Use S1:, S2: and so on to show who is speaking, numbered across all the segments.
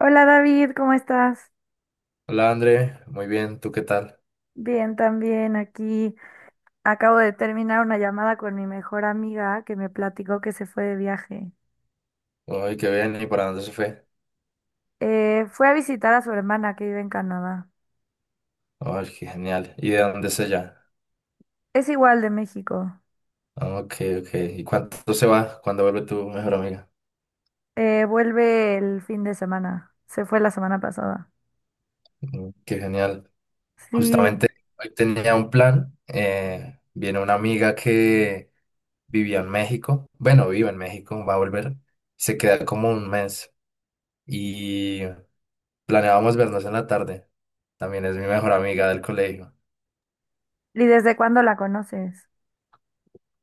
S1: Hola David, ¿cómo estás?
S2: Hola André, muy bien, ¿tú qué tal?
S1: Bien, también aquí. Acabo de terminar una llamada con mi mejor amiga que me platicó que se fue de viaje.
S2: Ay, qué bien, ¿y para dónde se fue?
S1: Fue a visitar a su hermana que vive en Canadá.
S2: Ay, qué genial, ¿y de dónde es ella?
S1: Es igual de México.
S2: Ah, ok, ok, ¿y cuánto se va? ¿Cuándo vuelve tu mejor amiga?
S1: Vuelve el fin de semana. Se fue la semana pasada.
S2: Mm, qué genial.
S1: Sí.
S2: Justamente hoy tenía un plan, viene una amiga que vivía en México, bueno, vive en México, va a volver, se queda como un mes y planeábamos vernos en la tarde, también es mi mejor amiga del colegio.
S1: ¿Y desde cuándo la conoces?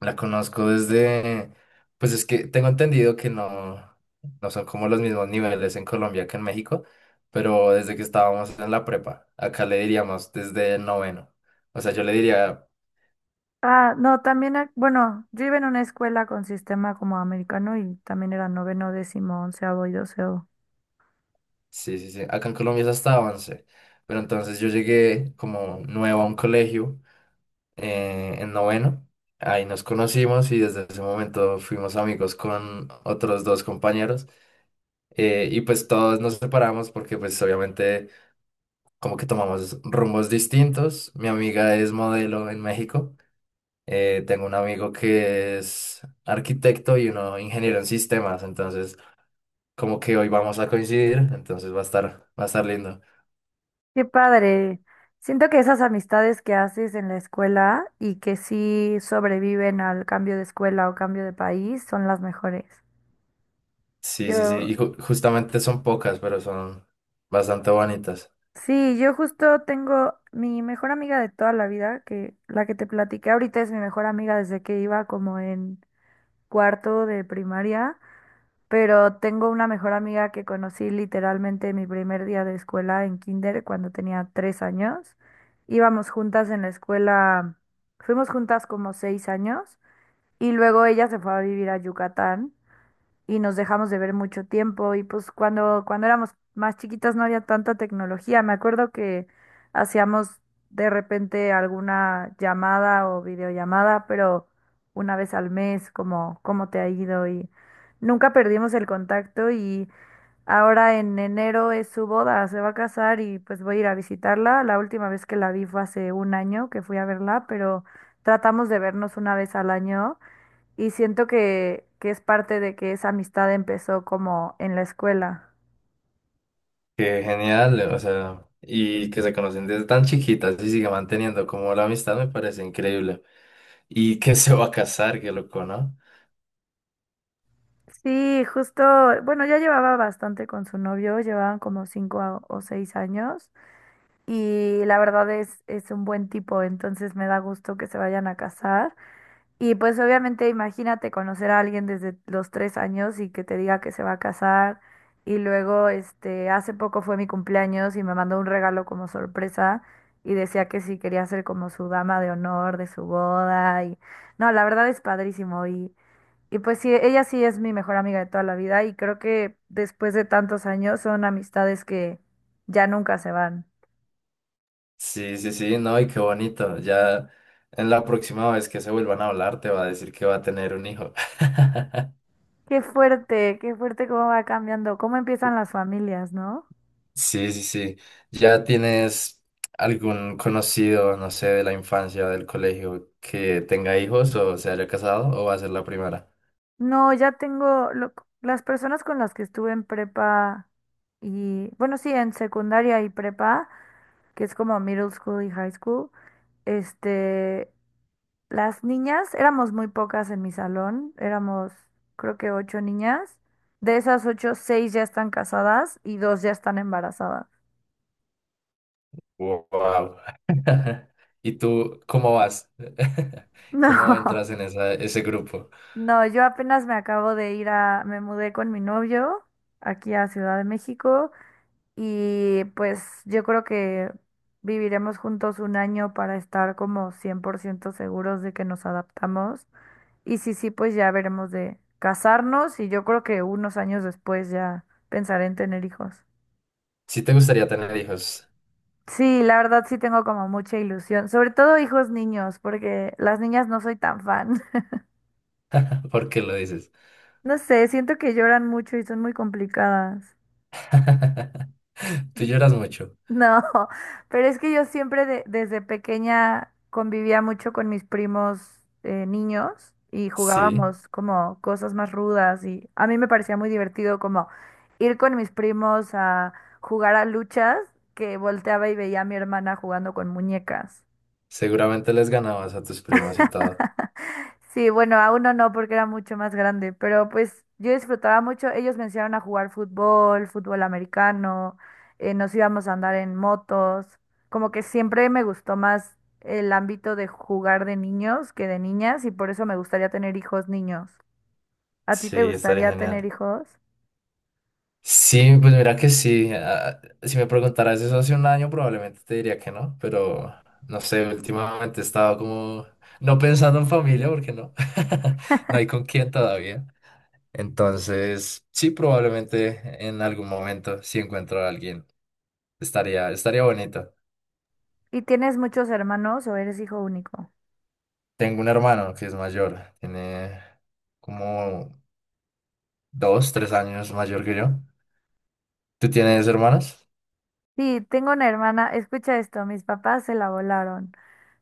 S2: La conozco desde, pues es que tengo entendido que no, no son como los mismos niveles en Colombia que en México, pero desde que estábamos en la prepa, acá le diríamos desde el noveno. O sea, yo le diría,
S1: Ah, no, también, bueno, yo iba en una escuela con sistema como americano y también era noveno, décimo, onceavo y doceavo.
S2: sí, sí, sí, acá en Colombia es hasta 11, pero entonces yo llegué como nuevo a un colegio en noveno, ahí nos conocimos y desde ese momento fuimos amigos con otros dos compañeros y pues todos nos separamos porque pues obviamente como que tomamos rumbos distintos. Mi amiga es modelo en México. Tengo un amigo que es arquitecto y uno ingeniero en sistemas. Entonces, como que hoy vamos a coincidir. Entonces va a estar lindo.
S1: Qué padre. Siento que esas amistades que haces en la escuela y que sí sobreviven al cambio de escuela o cambio de país son las mejores.
S2: Sí, sí, sí.
S1: Yo,
S2: Y justamente son pocas, pero son bastante bonitas.
S1: sí, yo justo tengo mi mejor amiga de toda la vida, que la que te platiqué ahorita es mi mejor amiga desde que iba como en cuarto de primaria. Pero tengo una mejor amiga que conocí literalmente mi primer día de escuela en kinder cuando tenía 3 años. Íbamos juntas en la escuela, fuimos juntas como 6 años y luego ella se fue a vivir a Yucatán y nos dejamos de ver mucho tiempo y pues cuando éramos más chiquitas no había tanta tecnología. Me acuerdo que hacíamos de repente alguna llamada o videollamada, pero una vez al mes, como cómo te ha ido y nunca perdimos el contacto y ahora en enero es su boda, se va a casar y pues voy a ir a visitarla. La última vez que la vi fue hace un año que fui a verla, pero tratamos de vernos una vez al año. Y siento que es parte de que esa amistad empezó como en la escuela.
S2: Qué genial, o sea, y que se conocen desde tan chiquitas y sigue manteniendo como la amistad me parece increíble. Y que se va a casar, qué loco, ¿no?
S1: Sí, justo, bueno, ya llevaba bastante con su novio, llevaban como cinco o seis años y la verdad es un buen tipo, entonces me da gusto que se vayan a casar. Y pues obviamente imagínate conocer a alguien desde los 3 años y que te diga que se va a casar. Y luego, este, hace poco fue mi cumpleaños y me mandó un regalo como sorpresa y decía que sí quería ser como su dama de honor de su boda. Y no, la verdad es padrísimo. Y pues sí, ella sí es mi mejor amiga de toda la vida y creo que después de tantos años son amistades que ya nunca se van.
S2: Sí, sí, sí, no, y qué bonito. Ya en la próxima vez que se vuelvan a hablar, te va a decir que va a tener un hijo.
S1: Qué fuerte cómo va cambiando, cómo empiezan las familias, ¿no?
S2: Sí, sí, sí. ¿Ya tienes algún conocido, no sé, de la infancia, del colegio, que tenga hijos o se haya casado o va a ser la primera?
S1: No, ya tengo las personas con las que estuve en prepa y, bueno, sí, en secundaria y prepa, que es como middle school y high school, este, las niñas, éramos muy pocas en mi salón, éramos creo que ocho niñas. De esas ocho, seis ya están casadas y dos ya están embarazadas.
S2: Wow. ¿Y tú cómo vas? ¿Cómo
S1: No,
S2: entras en ese grupo?
S1: no, yo apenas me acabo de ir a, me mudé con mi novio aquí a Ciudad de México. Y pues yo creo que viviremos juntos un año para estar como 100% seguros de que nos adaptamos. Y sí, sí, pues ya veremos de casarnos y yo creo que unos años después ya pensaré en tener hijos.
S2: Si te gustaría tener hijos,
S1: Sí, la verdad sí tengo como mucha ilusión, sobre todo hijos niños, porque las niñas no soy tan fan.
S2: ¿por qué lo dices?
S1: No sé, siento que lloran mucho y son muy complicadas.
S2: Tú lloras mucho.
S1: No, pero es que yo siempre desde pequeña convivía mucho con mis primos niños y
S2: Sí.
S1: jugábamos como cosas más rudas y a mí me parecía muy divertido como ir con mis primos a jugar a luchas que volteaba y veía a mi hermana jugando con muñecas.
S2: Seguramente les ganabas a tus primas y todo.
S1: Sí, bueno, a uno no porque era mucho más grande, pero pues yo disfrutaba mucho. Ellos me enseñaron a jugar fútbol, fútbol americano, nos íbamos a andar en motos. Como que siempre me gustó más el ámbito de jugar de niños que de niñas y por eso me gustaría tener hijos niños. ¿A ti te
S2: Sí, estaría
S1: gustaría tener
S2: genial.
S1: hijos?
S2: Sí, pues mira que sí. Ah, si me preguntaras eso hace un año, probablemente te diría que no, pero no sé, últimamente he estado como no pensando en familia porque no, no hay con quién todavía. Entonces, sí, probablemente en algún momento, si encuentro a alguien, estaría bonito.
S1: ¿Y tienes muchos hermanos o eres hijo único?
S2: Tengo un hermano que es mayor, tiene como 2, 3 años mayor que yo. ¿Tú tienes hermanos?
S1: Sí, tengo una hermana, escucha esto, mis papás se la volaron.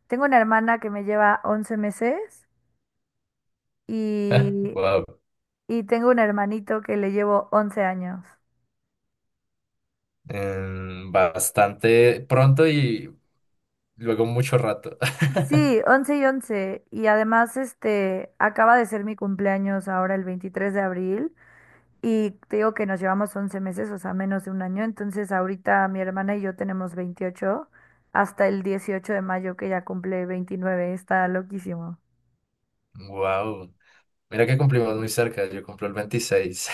S1: Tengo una hermana que me lleva 11 meses. Y
S2: Wow.
S1: y tengo un hermanito que le llevo 11 años.
S2: Bastante pronto y luego mucho rato.
S1: Sí, 11 y once. Y además, este, acaba de ser mi cumpleaños ahora el 23 de abril. Y te digo que nos llevamos 11 meses, o sea, menos de un año. Entonces, ahorita mi hermana y yo tenemos 28 hasta el 18 de mayo, que ya cumple 29. Está loquísimo.
S2: Wow. Mira que cumplimos muy cerca. Yo cumplo el 26.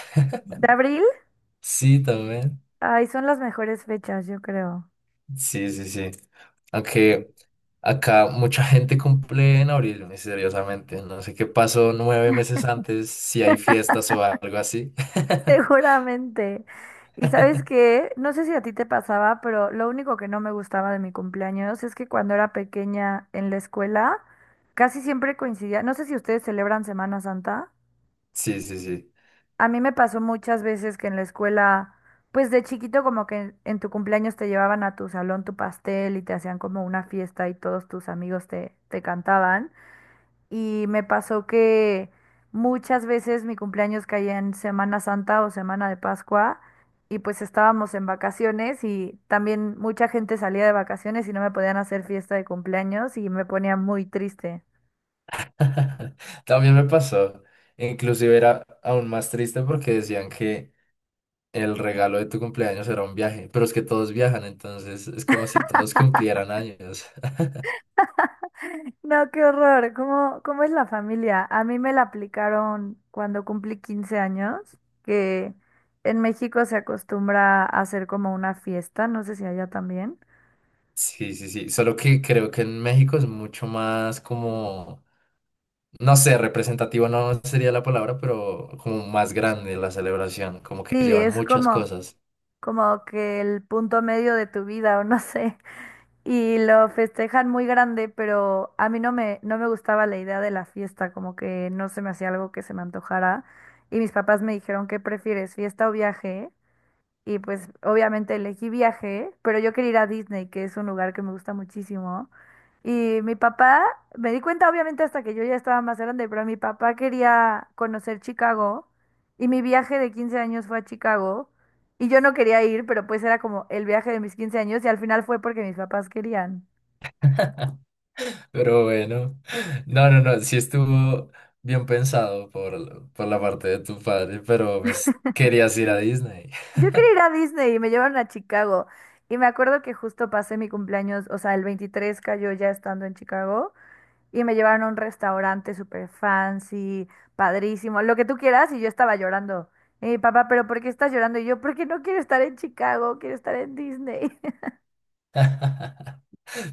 S1: ¿De abril?
S2: Sí, también.
S1: Ay, son las mejores fechas, yo creo.
S2: Sí, sí, sí. Aunque acá mucha gente cumple en abril, misteriosamente. No sé qué pasó 9 meses antes, si hay fiestas o algo así.
S1: Seguramente. Y sabes qué, no sé si a ti te pasaba, pero lo único que no me gustaba de mi cumpleaños es que cuando era pequeña en la escuela, casi siempre coincidía, no sé si ustedes celebran Semana Santa,
S2: Sí, sí, sí.
S1: a mí me pasó muchas veces que en la escuela, pues de chiquito como que en tu cumpleaños te llevaban a tu salón tu pastel y te hacían como una fiesta y todos tus amigos te cantaban. Y me pasó que muchas veces mi cumpleaños caía en Semana Santa o Semana de Pascua y pues estábamos en vacaciones y también mucha gente salía de vacaciones y no me podían hacer fiesta de cumpleaños y me ponía muy triste.
S2: También me pasó. Inclusive era aún más triste porque decían que el regalo de tu cumpleaños era un viaje, pero es que todos viajan, entonces es como si todos cumplieran años.
S1: No, qué horror. ¿Cómo es la familia? A mí me la aplicaron cuando cumplí 15 años, que en México se acostumbra a hacer como una fiesta, no sé si allá también.
S2: Sí, sí, sí, solo que creo que en México es mucho más como, no sé, representativo no sería la palabra, pero como más grande la celebración, como que
S1: Sí,
S2: llevan
S1: es
S2: muchas
S1: como...
S2: cosas.
S1: como que el punto medio de tu vida o no sé, y lo festejan muy grande, pero a mí no me gustaba la idea de la fiesta, como que no se me hacía algo que se me antojara, y mis papás me dijeron, ¿qué prefieres, fiesta o viaje? Y pues obviamente elegí viaje, pero yo quería ir a Disney, que es un lugar que me gusta muchísimo. Y mi papá, me di cuenta obviamente hasta que yo ya estaba más grande, pero mi papá quería conocer Chicago y mi viaje de 15 años fue a Chicago y yo no quería ir, pero pues era como el viaje de mis 15 años y al final fue porque mis papás querían.
S2: Pero bueno, no, no, no, sí estuvo bien pensado por la parte de tu padre, pero pues querías ir a Disney.
S1: Yo quería ir a Disney y me llevaron a Chicago y me acuerdo que justo pasé mi cumpleaños, o sea, el 23 cayó ya estando en Chicago. Y me llevaron a un restaurante súper fancy, padrísimo, lo que tú quieras, y yo estaba llorando. Y mi papá, ¿pero por qué estás llorando? Y yo, porque no quiero estar en Chicago, quiero estar en Disney.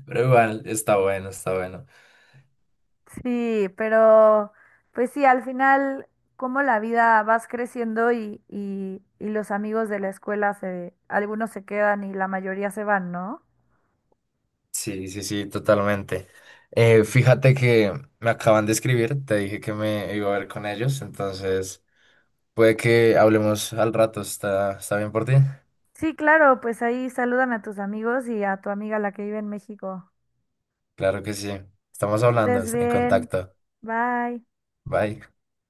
S2: Pero igual, está bueno, está bueno.
S1: Sí, pero pues sí, al final, como la vida vas creciendo y los amigos de la escuela algunos se quedan y la mayoría se van, ¿no?
S2: Sí, sí, sí, totalmente. Fíjate que me acaban de escribir, te dije que me iba a ver con ellos, entonces puede que hablemos al rato, está bien por ti?
S1: Sí, claro, pues ahí saludan a tus amigos y a tu amiga la que vive en México.
S2: Claro que sí, estamos
S1: Que
S2: hablando,
S1: estés
S2: en
S1: bien.
S2: contacto.
S1: Bye.
S2: Bye.